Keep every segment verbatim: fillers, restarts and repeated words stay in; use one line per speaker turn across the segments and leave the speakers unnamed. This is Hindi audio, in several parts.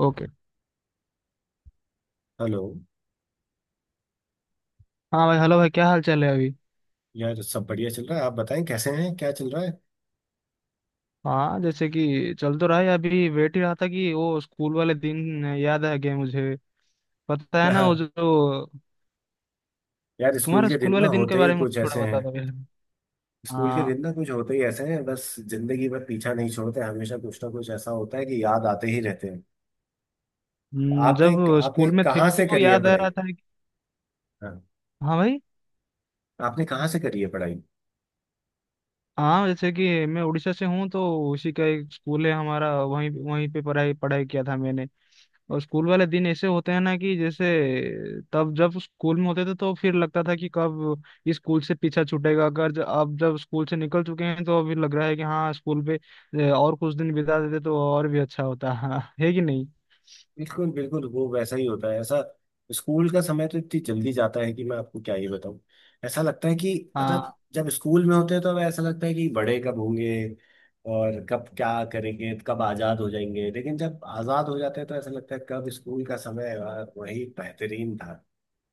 ओके।
हेलो।
हाँ भाई, हेलो भाई, क्या हाल चाल है अभी?
यार, सब बढ़िया चल रहा है। आप बताएं, कैसे हैं? क्या चल रहा है?
हाँ जैसे कि चल तो रहा है। अभी वेट ही रहा था कि वो स्कूल वाले दिन याद आ गए मुझे। पता है ना वो
हाँ,
जो
यार स्कूल
तुम्हारा
के
स्कूल
दिन ना
वाले दिन के
होते ही
बारे में
कुछ
थोड़ा
ऐसे हैं।
बता दो यार।
स्कूल के
हाँ।
दिन ना कुछ होते ही ऐसे हैं, बस जिंदगी भर पीछा नहीं छोड़ते। हमेशा कुछ ना कुछ ऐसा होता है कि याद आते ही रहते हैं।
हम्म,
आपने
जब
आपने
स्कूल में थे
कहाँ से
तो
करी है
याद आ
पढ़ाई?
रहा था कि-
हाँ।
हाँ भाई।
आपने कहाँ से करी है पढ़ाई?
हाँ जैसे कि मैं उड़ीसा से हूँ, तो उसी का एक स्कूल है हमारा, वहीं वहीं पे पढ़ाई पढ़ाई किया था मैंने। और स्कूल वाले दिन ऐसे होते हैं ना, कि जैसे तब जब स्कूल में होते थे तो फिर लगता था कि कब इस स्कूल से पीछा छूटेगा, अगर ज- अब जब स्कूल से निकल चुके हैं तो अभी लग रहा है कि हाँ स्कूल पे ए, और कुछ दिन बिता देते तो और भी अच्छा होता हाँ है कि नहीं।
बिल्कुल बिल्कुल, वो वैसा ही होता है ऐसा। स्कूल का समय तो इतनी जल्दी जाता है कि मैं आपको क्या ही बताऊं। ऐसा लगता है कि मतलब
हाँ।
जब स्कूल में होते हैं तो ऐसा लगता है कि बड़े कब होंगे और कब क्या करेंगे, कब आज़ाद हो जाएंगे। लेकिन जब आज़ाद हो जाते हैं तो ऐसा लगता है कब स्कूल का समय, यार वही बेहतरीन था।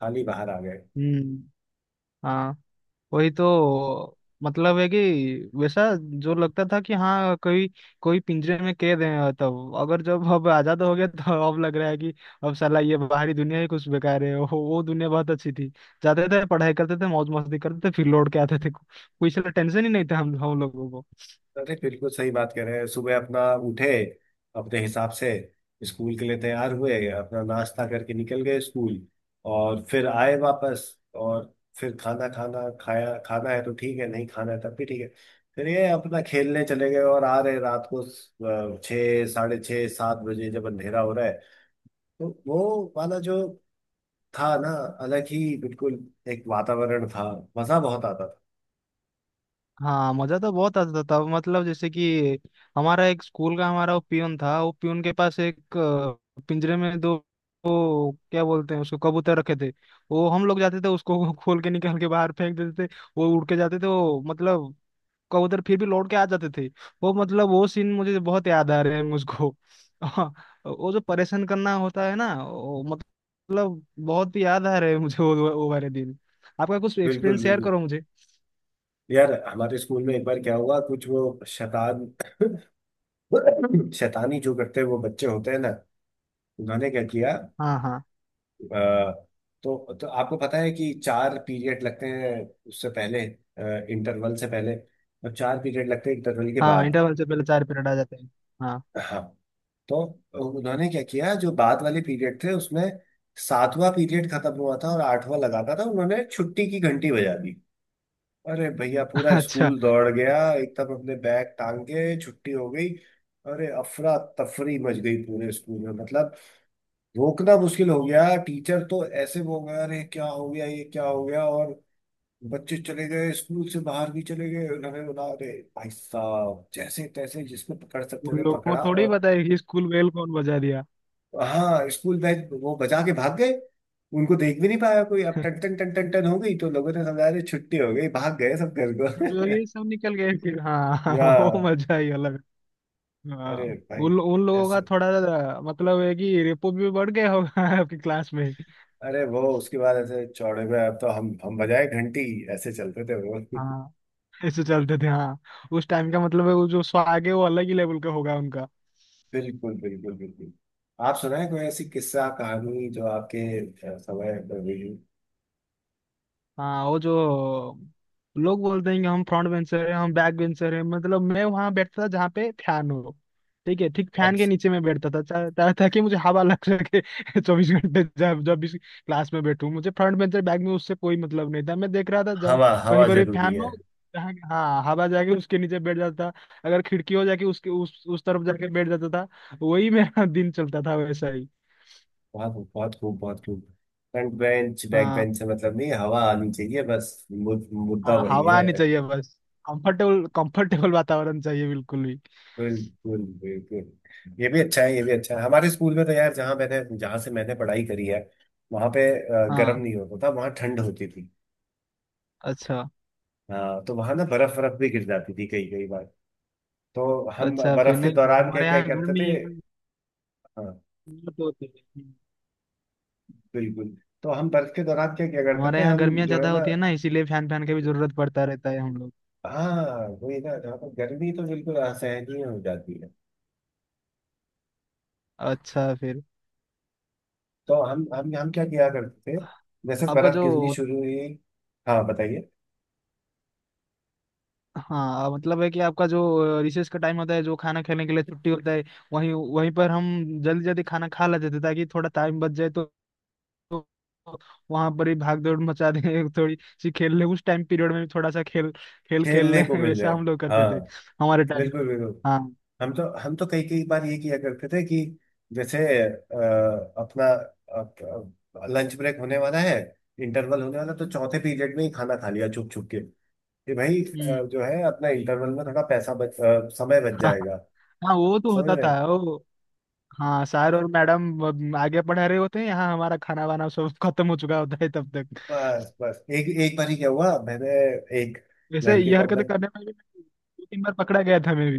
खाली बाहर आ गए।
हम्म। हाँ वही तो, मतलब है कि वैसा जो लगता था कि हाँ कोई कोई पिंजरे में कैद है, तब अगर जब अब आजाद हो गया तो अब लग रहा है कि अब साला ये बाहरी दुनिया ही कुछ बेकार है। वो वो दुनिया बहुत अच्छी थी। जाते थे, पढ़ाई करते थे, मौज मस्ती करते थे, फिर लौट के आते थे, कोई साला टेंशन ही नहीं था हम हम लोगों को।
अरे बिल्कुल सही बात कह रहे हैं। सुबह अपना उठे अपने हिसाब से, स्कूल के लिए तैयार हुए, अपना नाश्ता करके निकल गए स्कूल। और फिर आए वापस, और फिर खाना खाना खाया। खाना है तो ठीक है, नहीं खाना है तब भी ठीक है। फिर ये अपना खेलने चले गए और आ रहे रात को अ, छः साढ़े छः सात बजे, जब अंधेरा हो रहा है। तो वो वाला जो था ना, अलग ही बिल्कुल एक वातावरण था। मजा बहुत आता था।
हाँ मजा तो बहुत आता था, मतलब जैसे कि हमारा एक स्कूल का हमारा वो पियून था, वो पियून के पास एक अ, पिंजरे में दो, वो क्या बोलते हैं उसको, कबूतर रखे थे। वो हम लोग जाते थे उसको खोल के निकाल के बाहर फेंक देते थे, वो उड़ के जाते थे, वो मतलब कबूतर फिर भी लौट के आ जाते थे। वो मतलब वो सीन मुझे बहुत याद आ रहे हैं मुझको हाँ, वो जो परेशान करना होता है ना वो मतलब बहुत ही याद आ रहे हैं मुझे वो वो वाले दिन। आपका कुछ
बिल्कुल
एक्सपीरियंस शेयर
बिल्कुल।
करो मुझे।
यार हमारे स्कूल में एक बार क्या हुआ, कुछ वो शैतान शैतानी जो करते हैं वो बच्चे होते हैं ना, उन्होंने क्या किया।
हाँ। हाँ।
आ, तो तो आपको पता है कि चार पीरियड लगते हैं उससे पहले, इंटरवल से पहले, और चार पीरियड लगते हैं इंटरवल के
हाँ
बाद।
इंटरवल से पहले चार पीरियड आ जाते हैं। हाँ
हाँ, तो उन्होंने क्या किया जो बाद वाले पीरियड थे उसमें। सातवां पीरियड खत्म हुआ था और आठवां लगा था, तो उन्होंने छुट्टी की घंटी बजा दी। अरे भैया, पूरा
अच्छा।
स्कूल दौड़ गया एकदम, हमने बैग टांग के छुट्टी हो गई। अरे अफरा तफरी मच गई पूरे स्कूल में, मतलब रोकना मुश्किल हो गया। टीचर तो ऐसे वो हो गया, अरे क्या हो गया ये क्या हो गया, और बच्चे चले गए स्कूल से बाहर भी चले गए। उन्होंने बोला अरे भाई साहब जैसे तैसे जिसको पकड़ सकते
उन
थे
लोगों को
पकड़ा।
थोड़ी
और
पता है कि स्कूल बेल कौन बजा दिया।
हाँ, स्कूल बैग वो बजा के भाग गए, उनको देख भी नहीं पाया कोई। अब टन टन टन टन टन हो गई तो लोगों ने समझा अरे छुट्टी हो गई, भाग गए सब घर
तो ये
को।
सब निकल गए फिर। हाँ हाँ,
या,
वो मजा ही अलग है। हाँ
अरे भाई,
उन लो- उन लोगों
ऐसे।
का थोड़ा सा मतलब है कि रेपो भी बढ़ गया होगा आपकी क्लास में।
अरे वो उसके बाद ऐसे चौड़े पे, अब तो हम हम बजाए घंटी, ऐसे चलते थे वो।
हाँ ऐसे चलते थे हाँ। उस टाइम का मतलब है वो जो स्वाग है वो अलग ही लेवल का होगा उनका।
बिल्कुल बिल्कुल बिल्कुल। आप सुनाए कोई ऐसी किस्सा कहानी जो आपके अ, समय पर हुई।
हाँ वो जो लोग बोलते हैं कि हम फ्रंट बेंचर हैं, हम बैक बेंचर हैं, मतलब मैं वहां बैठता था जहाँ पे फैन हो। ठीक है, ठीक फैन के
अच्छा।
नीचे मैं बैठता था ता, ता, ताकि मुझे हवा लग सके चौबीस घंटे जब जब भी क्लास में बैठूं मुझे फ्रंट बेंचर बैक में उससे कोई मतलब नहीं था, मैं देख रहा था जहाँ
हवा,
कहीं
हवा
पर भी
जरूरी
फैन
है।
हो, जहाँ हाँ हवा जाके उसके नीचे बैठ जाता। अगर खिड़की हो जाके उसके उस उस तरफ जाके बैठ जाता था। वही मेरा दिन चलता था वैसा ही।
बहुत खूब बहुत खूब बहुत खूब। फ्रंट बेंच बैक
हाँ।
बेंच से मतलब नहीं, हवा आनी चाहिए बस। मु- मुद्दा
हाँ
वही
हवा
है।
आनी चाहिए बस। कंफर्टेबल कंफर्टेबल वातावरण चाहिए बिल्कुल भी।
बिल्कुल बिल्कुल, ये भी अच्छा है ये भी अच्छा है। हमारे स्कूल में तो यार, जहाँ मैंने जहाँ से मैंने पढ़ाई करी है वहां पे अ, गर्म
हाँ।
नहीं होता था, वहां ठंड होती थी।
अच्छा।
हाँ, तो वहां ना बर्फ बर्फ भी गिर जाती थी कई कई बार। तो हम
अच्छा फिर
बर्फ के
नहीं,
दौरान क्या
हमारे
क्या
यहाँ
करते
गर्मी
थे। हाँ
बहुत होती है।
बिल्कुल। तो हम बर्फ के दौरान क्या क्या करते
हमारे
थे,
यहाँ
हम
गर्मियाँ
जो है
ज्यादा
ना।
होती है ना, इसीलिए फैन फैन की भी जरूरत पड़ता रहता है हम लोग।
हाँ, वही ना, जहाँ पर गर्मी तो बिल्कुल असहनीय ही हो जाती है।
अच्छा फिर
तो हम हम हम क्या किया करते थे जैसे
आपका
बर्फ गिरनी
जो
शुरू हुई। हाँ बताइए।
हाँ मतलब है कि आपका जो रिसेस का टाइम होता है जो खाना खाने के लिए छुट्टी होता है, वहीं वहीं पर हम जल्दी जल्दी खाना खा लेते थे, ताकि थोड़ा टाइम बच जाए, तो तो वहां पर ही भाग दौड़ मचा दें थोड़ी सी खेल ले, उस टाइम पीरियड में भी थोड़ा सा खेल खेल खेल ले
खेलने को मिल
वैसा
जाए।
हम लोग करते
हाँ
थे हमारे टाइम पे।
बिल्कुल बिल्कुल।
हाँ।
हम तो हम तो कई कई बार ये किया करते थे कि जैसे अ, अपना लंच ब्रेक होने वाला है, इंटरवल होने वाला है, तो चौथे पीरियड में ही खाना खा लिया छुप छुप के, कि भाई अ,
हम्म।
जो है अपना इंटरवल में थोड़ा पैसा बच अ, समय बच
हाँ।
जाएगा।
हाँ वो तो
समझ
होता था
रहे।
वो। हाँ सर और मैडम अब आगे पढ़ा रहे होते हैं, यहाँ हमारा खाना वाना सब खत्म हो चुका होता है तब तक।
बस बस एक एक बार ही क्या हुआ, मैंने एक
वैसे
लड़के
ये
को अपना,
हरकतें करने में भी मैं दो तीन बार पकड़ा गया था मैं भी।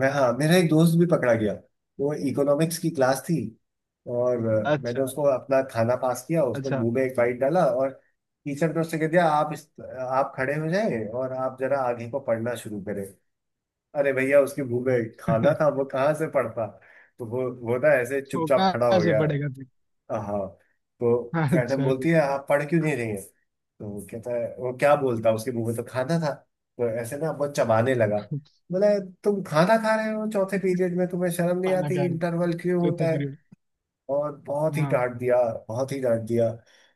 मैं, हाँ, मेरा एक दोस्त भी पकड़ा गया। वो इकोनॉमिक्स की क्लास थी और अ, मैंने
अच्छा।
उसको अपना खाना पास किया, उसने
अच्छा।
मुंह में एक बाइट डाला। और टीचर ने उससे कह दिया आप इस आप खड़े हो जाएं और आप जरा आगे को पढ़ना शुरू करें। अरे भैया उसके मुंह में खाना था, वो कहाँ से पढ़ता। तो वो वो ना ऐसे
वो
चुपचाप खड़ा हो
कहाँ से
गया।
पड़ेगा फिर?
हाँ, तो मैडम
अच्छा।
बोलती है आप पढ़ क्यों नहीं रही हैं। तो वो कहता है, वो क्या बोलता, उसके मुंह में तो खाना था। तो ऐसे ना बहुत चबाने लगा। बोला तुम खाना खा रहे हो चौथे पीरियड में, तुम्हें शर्म नहीं
खाना
आती,
खा रहे हैं,
इंटरवल क्यों होता
चौथे
है।
पीरियड।
और बहुत ही
हाँ।
डांट दिया, बहुत ही डांट दिया।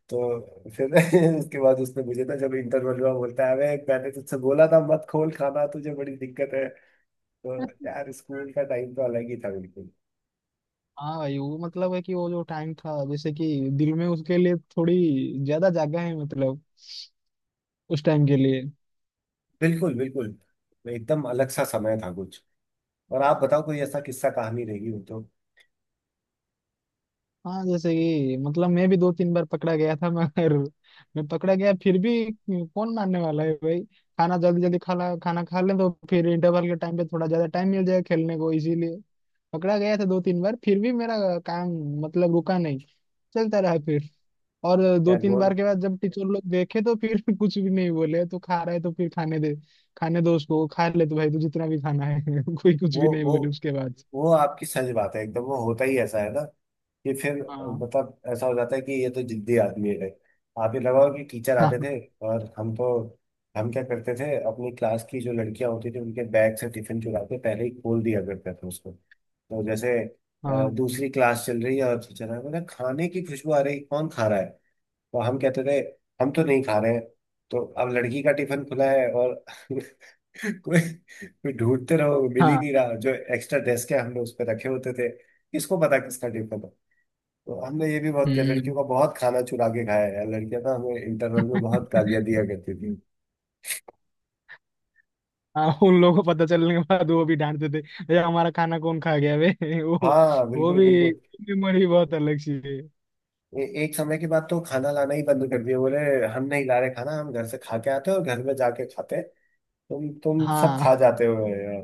तो फिर उसके बाद उसने मुझे ना जब इंटरवल हुआ बोलता है अबे मैंने तुझसे बोला था मत खोल खाना, तुझे बड़ी दिक्कत है। तो यार स्कूल का टाइम तो अलग ही था, बिल्कुल
हाँ भाई वो मतलब है कि वो जो टाइम था जैसे कि दिल में उसके लिए थोड़ी ज्यादा जगह है, मतलब उस टाइम के लिए।
बिल्कुल बिल्कुल, तो एकदम अलग सा समय था कुछ। और आप बताओ कोई ऐसा किस्सा कहानी रहेगी वो तो।
हाँ जैसे कि मतलब मैं भी दो तीन बार पकड़ा गया था मगर मैं पकड़ा गया फिर भी कौन मानने वाला है भाई। खाना जल्दी जल्दी खा ला, खाना खा लें तो फिर इंटरवल के टाइम पे थोड़ा ज्यादा टाइम मिल जाएगा खेलने को, इसीलिए पकड़ा गया था दो तीन बार, फिर भी मेरा काम मतलब रुका नहीं, चलता रहा फिर। और दो
यार
तीन
वो
बार के बाद जब टीचर लोग देखे तो फिर कुछ भी नहीं बोले, तो खा रहा है तो फिर खाने दे, खाने दो उसको, वो खा ले, तो भाई तू जितना भी खाना है कोई कुछ भी
वो
नहीं
वो
बोले उसके बाद।
वो आपकी सच बात है, एकदम वो होता ही ऐसा है ना, कि फिर
हाँ
मतलब ऐसा हो जाता है कि ये तो जिद्दी आदमी है। आप ये लगाओ कि टीचर आते
हाँ
थे और हम तो हम क्या करते थे? अपनी क्लास की जो लड़कियां होती थी उनके बैग से टिफिन चुरा के पहले ही खोल दिया करते थे उसको। तो जैसे
हाँ
अ, दूसरी क्लास चल रही है और टीचर है बोला खाने की खुशबू आ रही कौन खा रहा है। तो हम कहते थे हम तो नहीं खा रहे हैं। तो अब लड़की का टिफिन खुला है और कोई कोई ढूंढते रहो मिल ही
हाँ।
नहीं रहा, जो एक्स्ट्रा डेस्क है हमने उस पर रखे होते थे, किसको पता किसका टिफिन है। तो हमने ये भी बहुत किया,
हम्म।
लड़कियों का बहुत खाना चुरा के खाया है यार। लड़कियां ना हमें इंटरवल में बहुत गालियां दिया करती थी।
हाँ उन लोगों को पता चलने के बाद वो भी डांटते थे, भैया हमारा खाना कौन खा गया बे वो
हाँ
वो
बिल्कुल
भी
बिल्कुल।
मेमोरी बहुत अलग सी है।
ए, एक समय के बाद तो खाना लाना ही बंद कर दिया, बोले हम नहीं ला रहे खाना, हम घर से खा के आते हैं और घर में जाके खाते हैं, तुम तुम सब
हाँ,
खा जाते हो यार।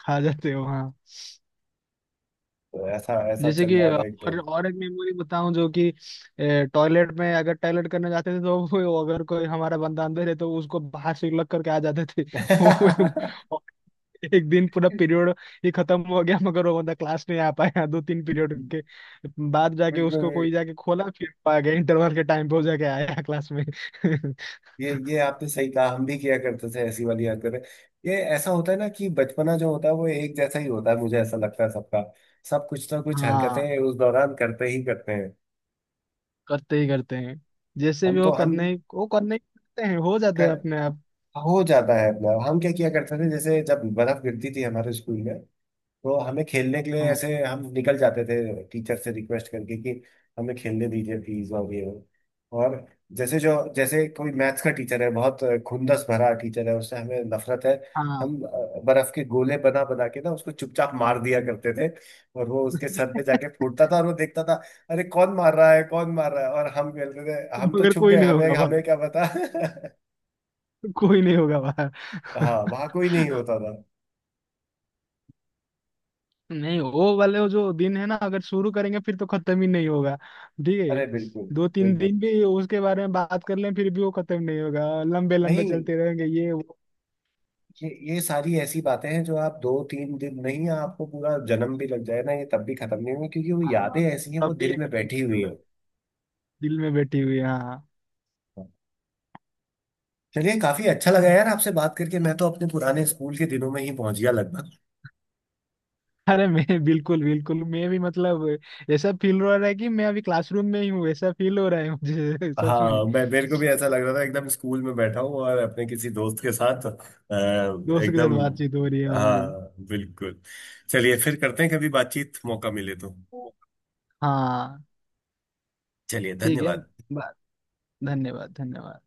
खा जाते हो हाँ।
तो ऐसा ऐसा
जैसे
चल
कि
रहा था एक
और
टाइम।
और एक मेमोरी बताऊं, जो कि टॉयलेट में अगर टॉयलेट करने जाते थे तो वो अगर कोई हमारा बंदा अंदर है तो उसको बाहर से लग करके आ जाते थे वो एक दिन पूरा पीरियड ही खत्म हो गया, मगर वो बंदा क्लास नहीं आ पाया। दो तीन पीरियड के बाद जाके उसको
बिल्कुल।
कोई जाके खोला फिर, पा गया इंटरवल के टाइम पे, वो जाके आया क्लास में
ये ये आपने सही कहा, हम भी किया करते थे ऐसी वाली हरकतें। ये ऐसा होता है ना कि बचपना जो होता है वो एक जैसा ही होता है, मुझे ऐसा लगता है सबका। सब कुछ ना कुछ
हाँ
हरकतें उस दौरान करते ही करते हैं।
करते ही करते हैं, जैसे
हम
भी
तो
वो
हम
करने वो करने ही करते हैं, हो जाते हैं
कर,
अपने आप।
हो जाता है अपना। हम क्या किया करते थे जैसे जब बर्फ गिरती थी हमारे स्कूल में तो हमें खेलने के लिए
हाँ।
ऐसे हम निकल जाते थे, टीचर से रिक्वेस्ट करके कि हमें खेलने दीजिए प्लीज और ये वो। और जैसे जो जैसे कोई मैथ्स का टीचर है, बहुत खुंदस भरा टीचर है, उससे हमें नफरत है।
हाँ
हम अ, बर्फ के गोले बना बना के ना उसको चुपचाप मार दिया करते थे, और वो उसके सर पे जाके फूटता था और वो देखता था अरे कौन मार रहा है कौन मार रहा है। और हम कहते थे हम तो
मगर
छुप
कोई
गए,
नहीं
हमें
होगा बाहर,
हमें क्या पता।
कोई नहीं होगा बाहर
हाँ वहां कोई नहीं होता था।
नहीं वो वाले वो जो दिन है ना अगर शुरू करेंगे फिर तो खत्म ही नहीं होगा। ठीक
अरे
है,
बिल्कुल
दो तीन
बिल्कुल।
दिन भी उसके बारे में बात कर लें फिर भी वो खत्म नहीं होगा, लंबे लंबे
नहीं,
चलते रहेंगे ये वो।
ये ये सारी ऐसी बातें हैं जो आप दो तीन दिन नहीं, आपको पूरा जन्म भी लग जाए ना ये तब भी खत्म नहीं होंगी, क्योंकि वो
हाँ
यादें ऐसी हैं, वो
तब भी
दिल
ये
में
खत्म
बैठी
नहीं
हुई
होगा,
हैं।
दिल में बैठी हुई है, हाँ।
चलिए, काफी अच्छा लगा यार आपसे बात करके, मैं तो अपने पुराने स्कूल के दिनों में ही पहुंच गया लगभग।
अरे मैं बिल्कुल बिल्कुल मैं भी मतलब ऐसा फील हो रहा है कि मैं अभी क्लासरूम में ही हूँ, ऐसा फील हो रहा है मुझे सच में।
हाँ, मैं मेरे को भी ऐसा लग रहा था, एकदम स्कूल में बैठा हूँ और अपने किसी दोस्त के साथ अ,
दोस्त के
एकदम,
साथ बातचीत हो रही है हमारी।
हाँ बिल्कुल। चलिए फिर करते हैं कभी बातचीत, मौका मिले तो।
हाँ।
चलिए,
ठीक है।
धन्यवाद।
बा- धन्यवाद धन्यवाद।